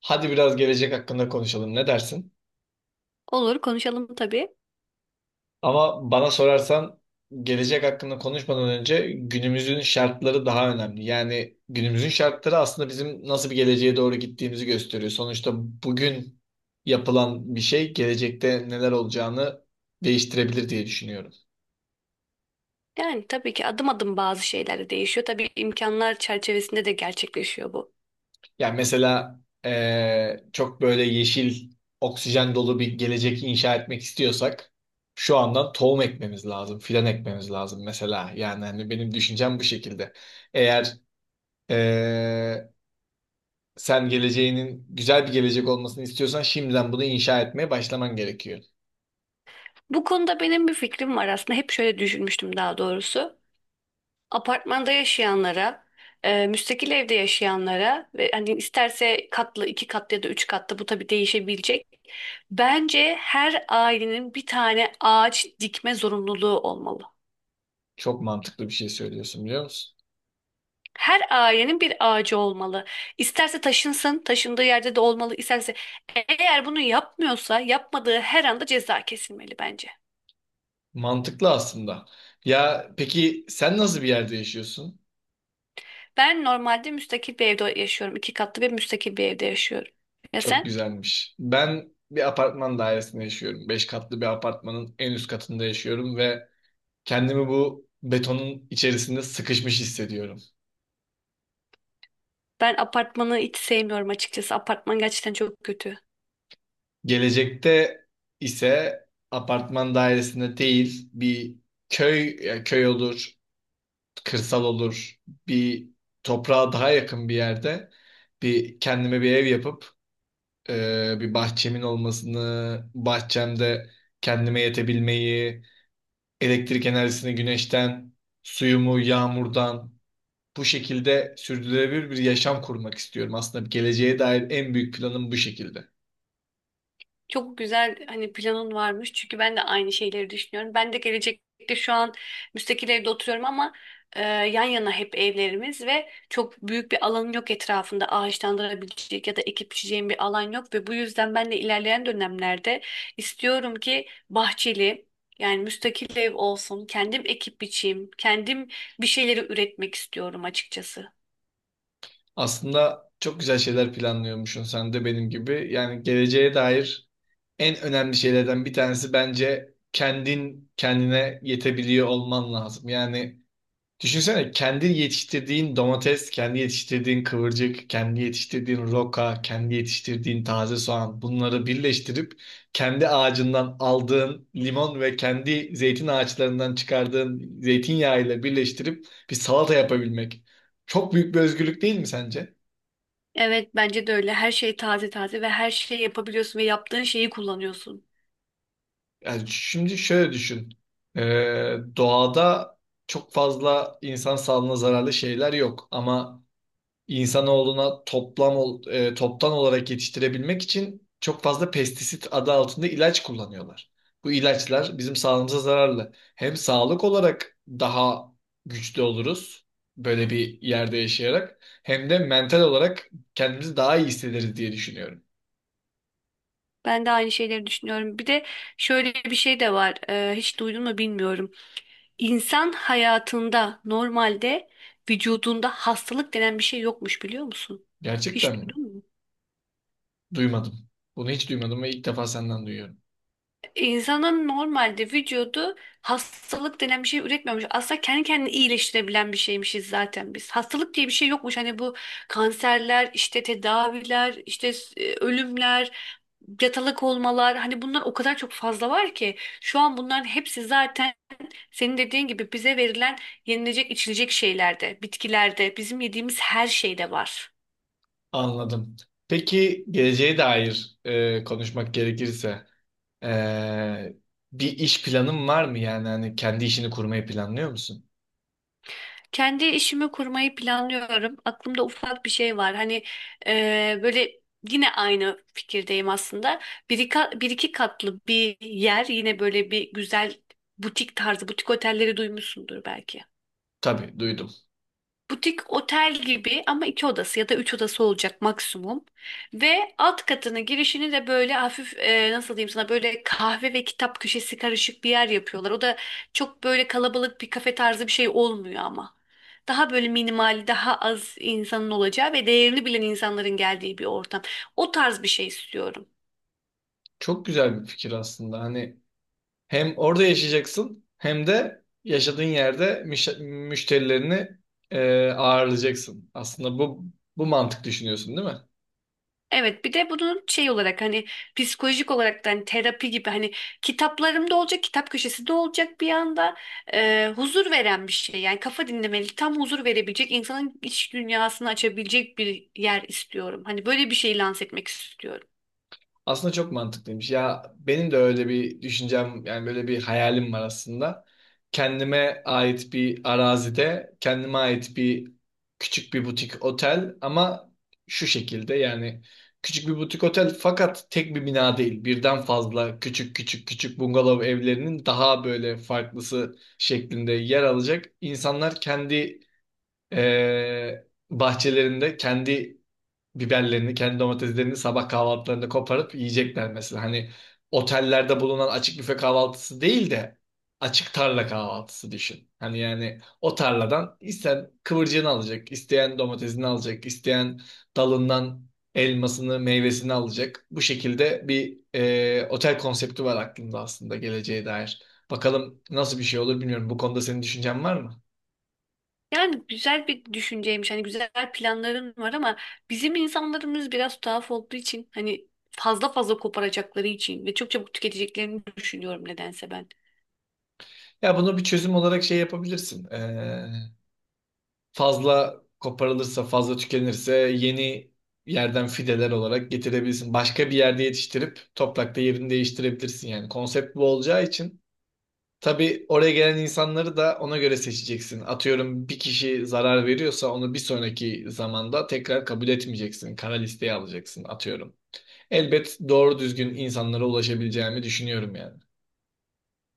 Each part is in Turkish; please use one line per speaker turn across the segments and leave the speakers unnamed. Hadi biraz gelecek hakkında konuşalım. Ne dersin?
Olur konuşalım tabii.
Ama bana sorarsan gelecek hakkında konuşmadan önce günümüzün şartları daha önemli. Yani günümüzün şartları aslında bizim nasıl bir geleceğe doğru gittiğimizi gösteriyor. Sonuçta bugün yapılan bir şey gelecekte neler olacağını değiştirebilir diye düşünüyorum.
Yani tabii ki adım adım bazı şeyler de değişiyor. Tabii imkanlar çerçevesinde de gerçekleşiyor bu.
Yani mesela çok böyle yeşil, oksijen dolu bir gelecek inşa etmek istiyorsak şu andan tohum ekmemiz lazım, filan ekmemiz lazım mesela. Yani hani benim düşüncem bu şekilde. Eğer eee, sen geleceğinin güzel bir gelecek olmasını istiyorsan şimdiden bunu inşa etmeye başlaman gerekiyor.
Bu konuda benim bir fikrim var aslında. Hep şöyle düşünmüştüm daha doğrusu. Apartmanda yaşayanlara, müstakil evde yaşayanlara ve hani isterse katlı, iki katlı ya da üç katlı bu tabii değişebilecek. Bence her ailenin bir tane ağaç dikme zorunluluğu olmalı.
Çok mantıklı bir şey söylüyorsun biliyor musun?
Her ailenin bir ağacı olmalı. İsterse taşınsın, taşındığı yerde de olmalı. İsterse eğer bunu yapmıyorsa yapmadığı her anda ceza kesilmeli bence.
Mantıklı aslında. Ya peki sen nasıl bir yerde yaşıyorsun?
Ben normalde müstakil bir evde yaşıyorum. İki katlı bir müstakil bir evde yaşıyorum. Ya
Çok
sen?
güzelmiş. Ben bir apartman dairesinde yaşıyorum. Beş katlı bir apartmanın en üst katında yaşıyorum ve kendimi bu betonun içerisinde sıkışmış hissediyorum.
Ben apartmanı hiç sevmiyorum açıkçası. Apartman gerçekten çok kötü.
Gelecekte ise apartman dairesinde değil bir köy ya köy olur, kırsal olur, bir toprağa daha yakın bir yerde bir kendime bir ev yapıp bir bahçemin olmasını, bahçemde kendime yetebilmeyi, elektrik enerjisini güneşten, suyumu yağmurdan bu şekilde sürdürülebilir bir yaşam kurmak istiyorum. Aslında geleceğe dair en büyük planım bu şekilde.
Çok güzel hani planın varmış. Çünkü ben de aynı şeyleri düşünüyorum. Ben de gelecekte şu an müstakil evde oturuyorum ama yan yana hep evlerimiz ve çok büyük bir alanım yok etrafında ağaçlandırabilecek ya da ekip biçeceğim bir alan yok ve bu yüzden ben de ilerleyen dönemlerde istiyorum ki bahçeli yani müstakil ev olsun. Kendim ekip biçeyim. Kendim bir şeyleri üretmek istiyorum açıkçası.
Aslında çok güzel şeyler planlıyormuşsun sen de benim gibi. Yani geleceğe dair en önemli şeylerden bir tanesi bence kendin kendine yetebiliyor olman lazım. Yani düşünsene, kendi yetiştirdiğin domates, kendi yetiştirdiğin kıvırcık, kendi yetiştirdiğin roka, kendi yetiştirdiğin taze soğan, bunları birleştirip kendi ağacından aldığın limon ve kendi zeytin ağaçlarından çıkardığın zeytinyağı ile birleştirip bir salata yapabilmek. Çok büyük bir özgürlük değil mi sence?
Evet bence de öyle. Her şey taze taze ve her şeyi yapabiliyorsun ve yaptığın şeyi kullanıyorsun.
Yani şimdi şöyle düşün. Doğada çok fazla insan sağlığına zararlı şeyler yok, ama İnsanoğlu'na toptan olarak yetiştirebilmek için çok fazla pestisit adı altında ilaç kullanıyorlar. Bu ilaçlar bizim sağlığımıza zararlı. Hem sağlık olarak daha güçlü oluruz böyle bir yerde yaşayarak, hem de mental olarak kendimizi daha iyi hissederiz diye düşünüyorum.
Ben de aynı şeyleri düşünüyorum. Bir de şöyle bir şey de var. Hiç duydun mu bilmiyorum. İnsan hayatında normalde vücudunda hastalık denen bir şey yokmuş biliyor musun?
Gerçekten
Hiç
mi?
duydun mu?
Duymadım. Bunu hiç duymadım ve ilk defa senden duyuyorum.
İnsanın normalde vücudu hastalık denen bir şey üretmiyormuş. Aslında kendi kendini iyileştirebilen bir şeymişiz zaten biz. Hastalık diye bir şey yokmuş. Hani bu kanserler, işte tedaviler, işte ölümler, yatalak olmalar. Hani bunlar o kadar çok fazla var ki. Şu an bunların hepsi zaten senin dediğin gibi bize verilen yenilecek içilecek şeylerde, bitkilerde, bizim yediğimiz her şeyde var.
Anladım. Peki geleceğe dair konuşmak gerekirse e, bir iş planın var mı? Yani hani kendi işini kurmayı planlıyor musun?
Kendi işimi kurmayı planlıyorum. Aklımda ufak bir şey var. Hani böyle yine aynı fikirdeyim aslında. Bir iki katlı bir yer yine böyle bir güzel butik tarzı, butik otelleri duymuşsundur belki.
Tabii duydum.
Butik otel gibi ama iki odası ya da üç odası olacak maksimum. Ve alt katının girişini de böyle hafif nasıl diyeyim sana böyle kahve ve kitap köşesi karışık bir yer yapıyorlar. O da çok böyle kalabalık bir kafe tarzı bir şey olmuyor ama. Daha böyle minimal, daha az insanın olacağı ve değerini bilen insanların geldiği bir ortam. O tarz bir şey istiyorum.
Çok güzel bir fikir aslında. Hani hem orada yaşayacaksın hem de yaşadığın yerde müşterilerini ağırlayacaksın. Aslında bu mantık düşünüyorsun, değil mi?
Evet bir de bunun şey olarak hani psikolojik olarak da hani terapi gibi hani kitaplarımda olacak kitap köşesinde olacak bir anda huzur veren bir şey. Yani kafa dinlemeli tam huzur verebilecek insanın iç dünyasını açabilecek bir yer istiyorum. Hani böyle bir şey lanse etmek istiyorum.
Aslında çok mantıklıymış. Ya benim de öyle bir düşüncem, yani böyle bir hayalim var aslında. Kendime ait bir arazide, kendime ait bir küçük bir butik otel, ama şu şekilde yani: küçük bir butik otel, fakat tek bir bina değil. Birden fazla küçük küçük küçük bungalov evlerinin daha böyle farklısı şeklinde yer alacak. İnsanlar kendi eee, bahçelerinde kendi biberlerini, kendi domateslerini sabah kahvaltılarında koparıp yiyecekler mesela. Hani otellerde bulunan açık büfe kahvaltısı değil de açık tarla kahvaltısı düşün. Hani yani o tarladan isteyen kıvırcığını alacak, isteyen domatesini alacak, isteyen dalından elmasını, meyvesini alacak. Bu şekilde bir otel konsepti var aklımda aslında geleceğe dair. Bakalım nasıl bir şey olur, bilmiyorum. Bu konuda senin düşüncen var mı?
Yani güzel bir düşünceymiş hani güzel planların var ama bizim insanlarımız biraz tuhaf olduğu için hani fazla fazla koparacakları için ve çok çabuk tüketeceklerini düşünüyorum nedense ben.
Ya bunu bir çözüm olarak şey yapabilirsin. Fazla koparılırsa, fazla tükenirse yeni yerden fideler olarak getirebilirsin. Başka bir yerde yetiştirip toprakta yerini değiştirebilirsin yani. Konsept bu olacağı için tabii oraya gelen insanları da ona göre seçeceksin. Atıyorum, bir kişi zarar veriyorsa onu bir sonraki zamanda tekrar kabul etmeyeceksin. Kara listeye alacaksın atıyorum. Elbet doğru düzgün insanlara ulaşabileceğimi düşünüyorum yani.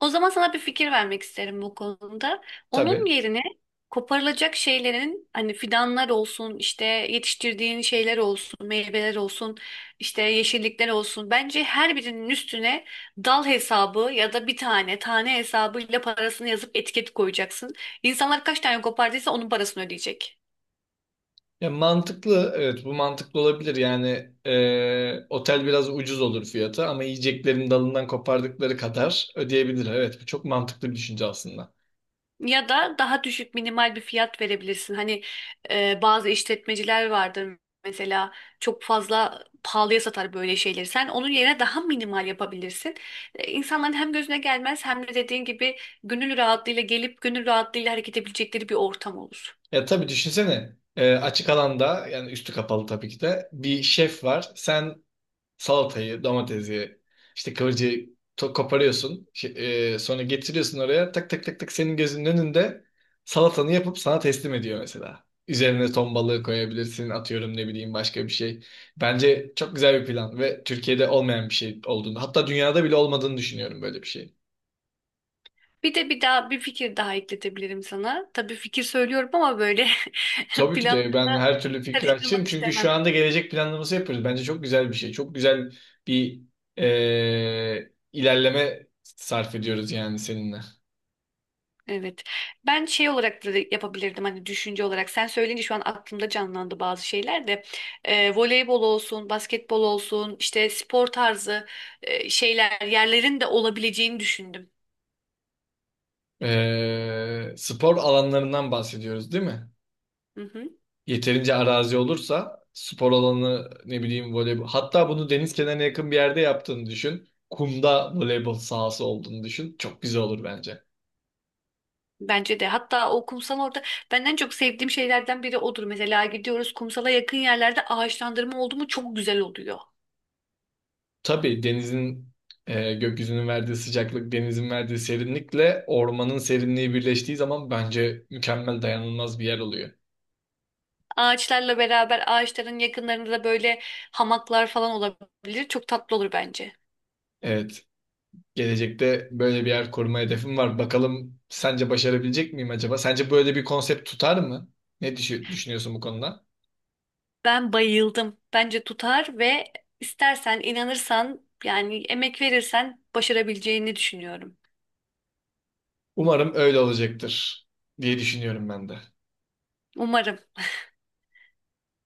O zaman sana bir fikir vermek isterim bu konuda. Onun
Tabii.
yerine koparılacak şeylerin hani fidanlar olsun, işte yetiştirdiğin şeyler olsun, meyveler olsun, işte yeşillikler olsun. Bence her birinin üstüne dal hesabı ya da bir tane tane hesabıyla parasını yazıp etiket koyacaksın. İnsanlar kaç tane kopardıysa onun parasını ödeyecek.
Ya mantıklı, evet, bu mantıklı olabilir. Yani otel biraz ucuz olur fiyatı, ama yiyeceklerin dalından kopardıkları kadar ödeyebilir. Evet, bu çok mantıklı bir düşünce aslında.
Ya da daha düşük minimal bir fiyat verebilirsin. Hani bazı işletmeciler vardır mesela çok fazla pahalıya satar böyle şeyleri. Sen onun yerine daha minimal yapabilirsin. İnsanların hem gözüne gelmez hem de dediğin gibi gönül rahatlığıyla gelip gönül rahatlığıyla hareket edebilecekleri bir ortam olur.
Ya tabii düşünsene, açık alanda, yani üstü kapalı, tabii ki de bir şef var. Sen salatayı, domatesi, işte kıvırcığı koparıyorsun. Sonra getiriyorsun oraya. Tak tak tak tak, senin gözünün önünde salatanı yapıp sana teslim ediyor mesela. Üzerine ton balığı koyabilirsin, atıyorum, ne bileyim, başka bir şey. Bence çok güzel bir plan ve Türkiye'de olmayan bir şey olduğunu, hatta dünyada bile olmadığını düşünüyorum böyle bir şey.
Bir de bir daha bir fikir daha ekletebilirim sana. Tabii fikir söylüyorum ama böyle
Tabii ki de ben
planlarına
her türlü fikri açığım,
karıştırmak
çünkü şu
istemem.
anda gelecek planlaması yapıyoruz. Bence çok güzel bir şey. Çok güzel bir ilerleme sarf ediyoruz yani seninle.
Evet. Ben şey olarak da yapabilirdim hani düşünce olarak. Sen söyleyince şu an aklımda canlandı bazı şeyler de. Voleybol olsun, basketbol olsun, işte spor tarzı şeyler, yerlerin de olabileceğini düşündüm.
Spor alanlarından bahsediyoruz değil mi?
Hı hı.
Yeterince arazi olursa spor alanı, ne bileyim, voleybol. Hatta bunu deniz kenarına yakın bir yerde yaptığını düşün. Kumda voleybol sahası olduğunu düşün. Çok güzel olur bence.
Bence de. Hatta o kumsal orada ben en çok sevdiğim şeylerden biri odur. Mesela gidiyoruz kumsala yakın yerlerde ağaçlandırma oldu mu çok güzel oluyor.
Tabii denizin, gökyüzünün verdiği sıcaklık, denizin verdiği serinlikle ormanın serinliği birleştiği zaman bence mükemmel, dayanılmaz bir yer oluyor.
Ağaçlarla beraber ağaçların yakınlarında da böyle hamaklar falan olabilir. Çok tatlı olur bence.
Evet. Gelecekte böyle bir yer koruma hedefim var. Bakalım, sence başarabilecek miyim acaba? Sence böyle bir konsept tutar mı? Düşünüyorsun bu konuda?
Ben bayıldım. Bence tutar ve istersen, inanırsan, yani emek verirsen başarabileceğini düşünüyorum.
Umarım öyle olacaktır diye düşünüyorum ben de.
Umarım.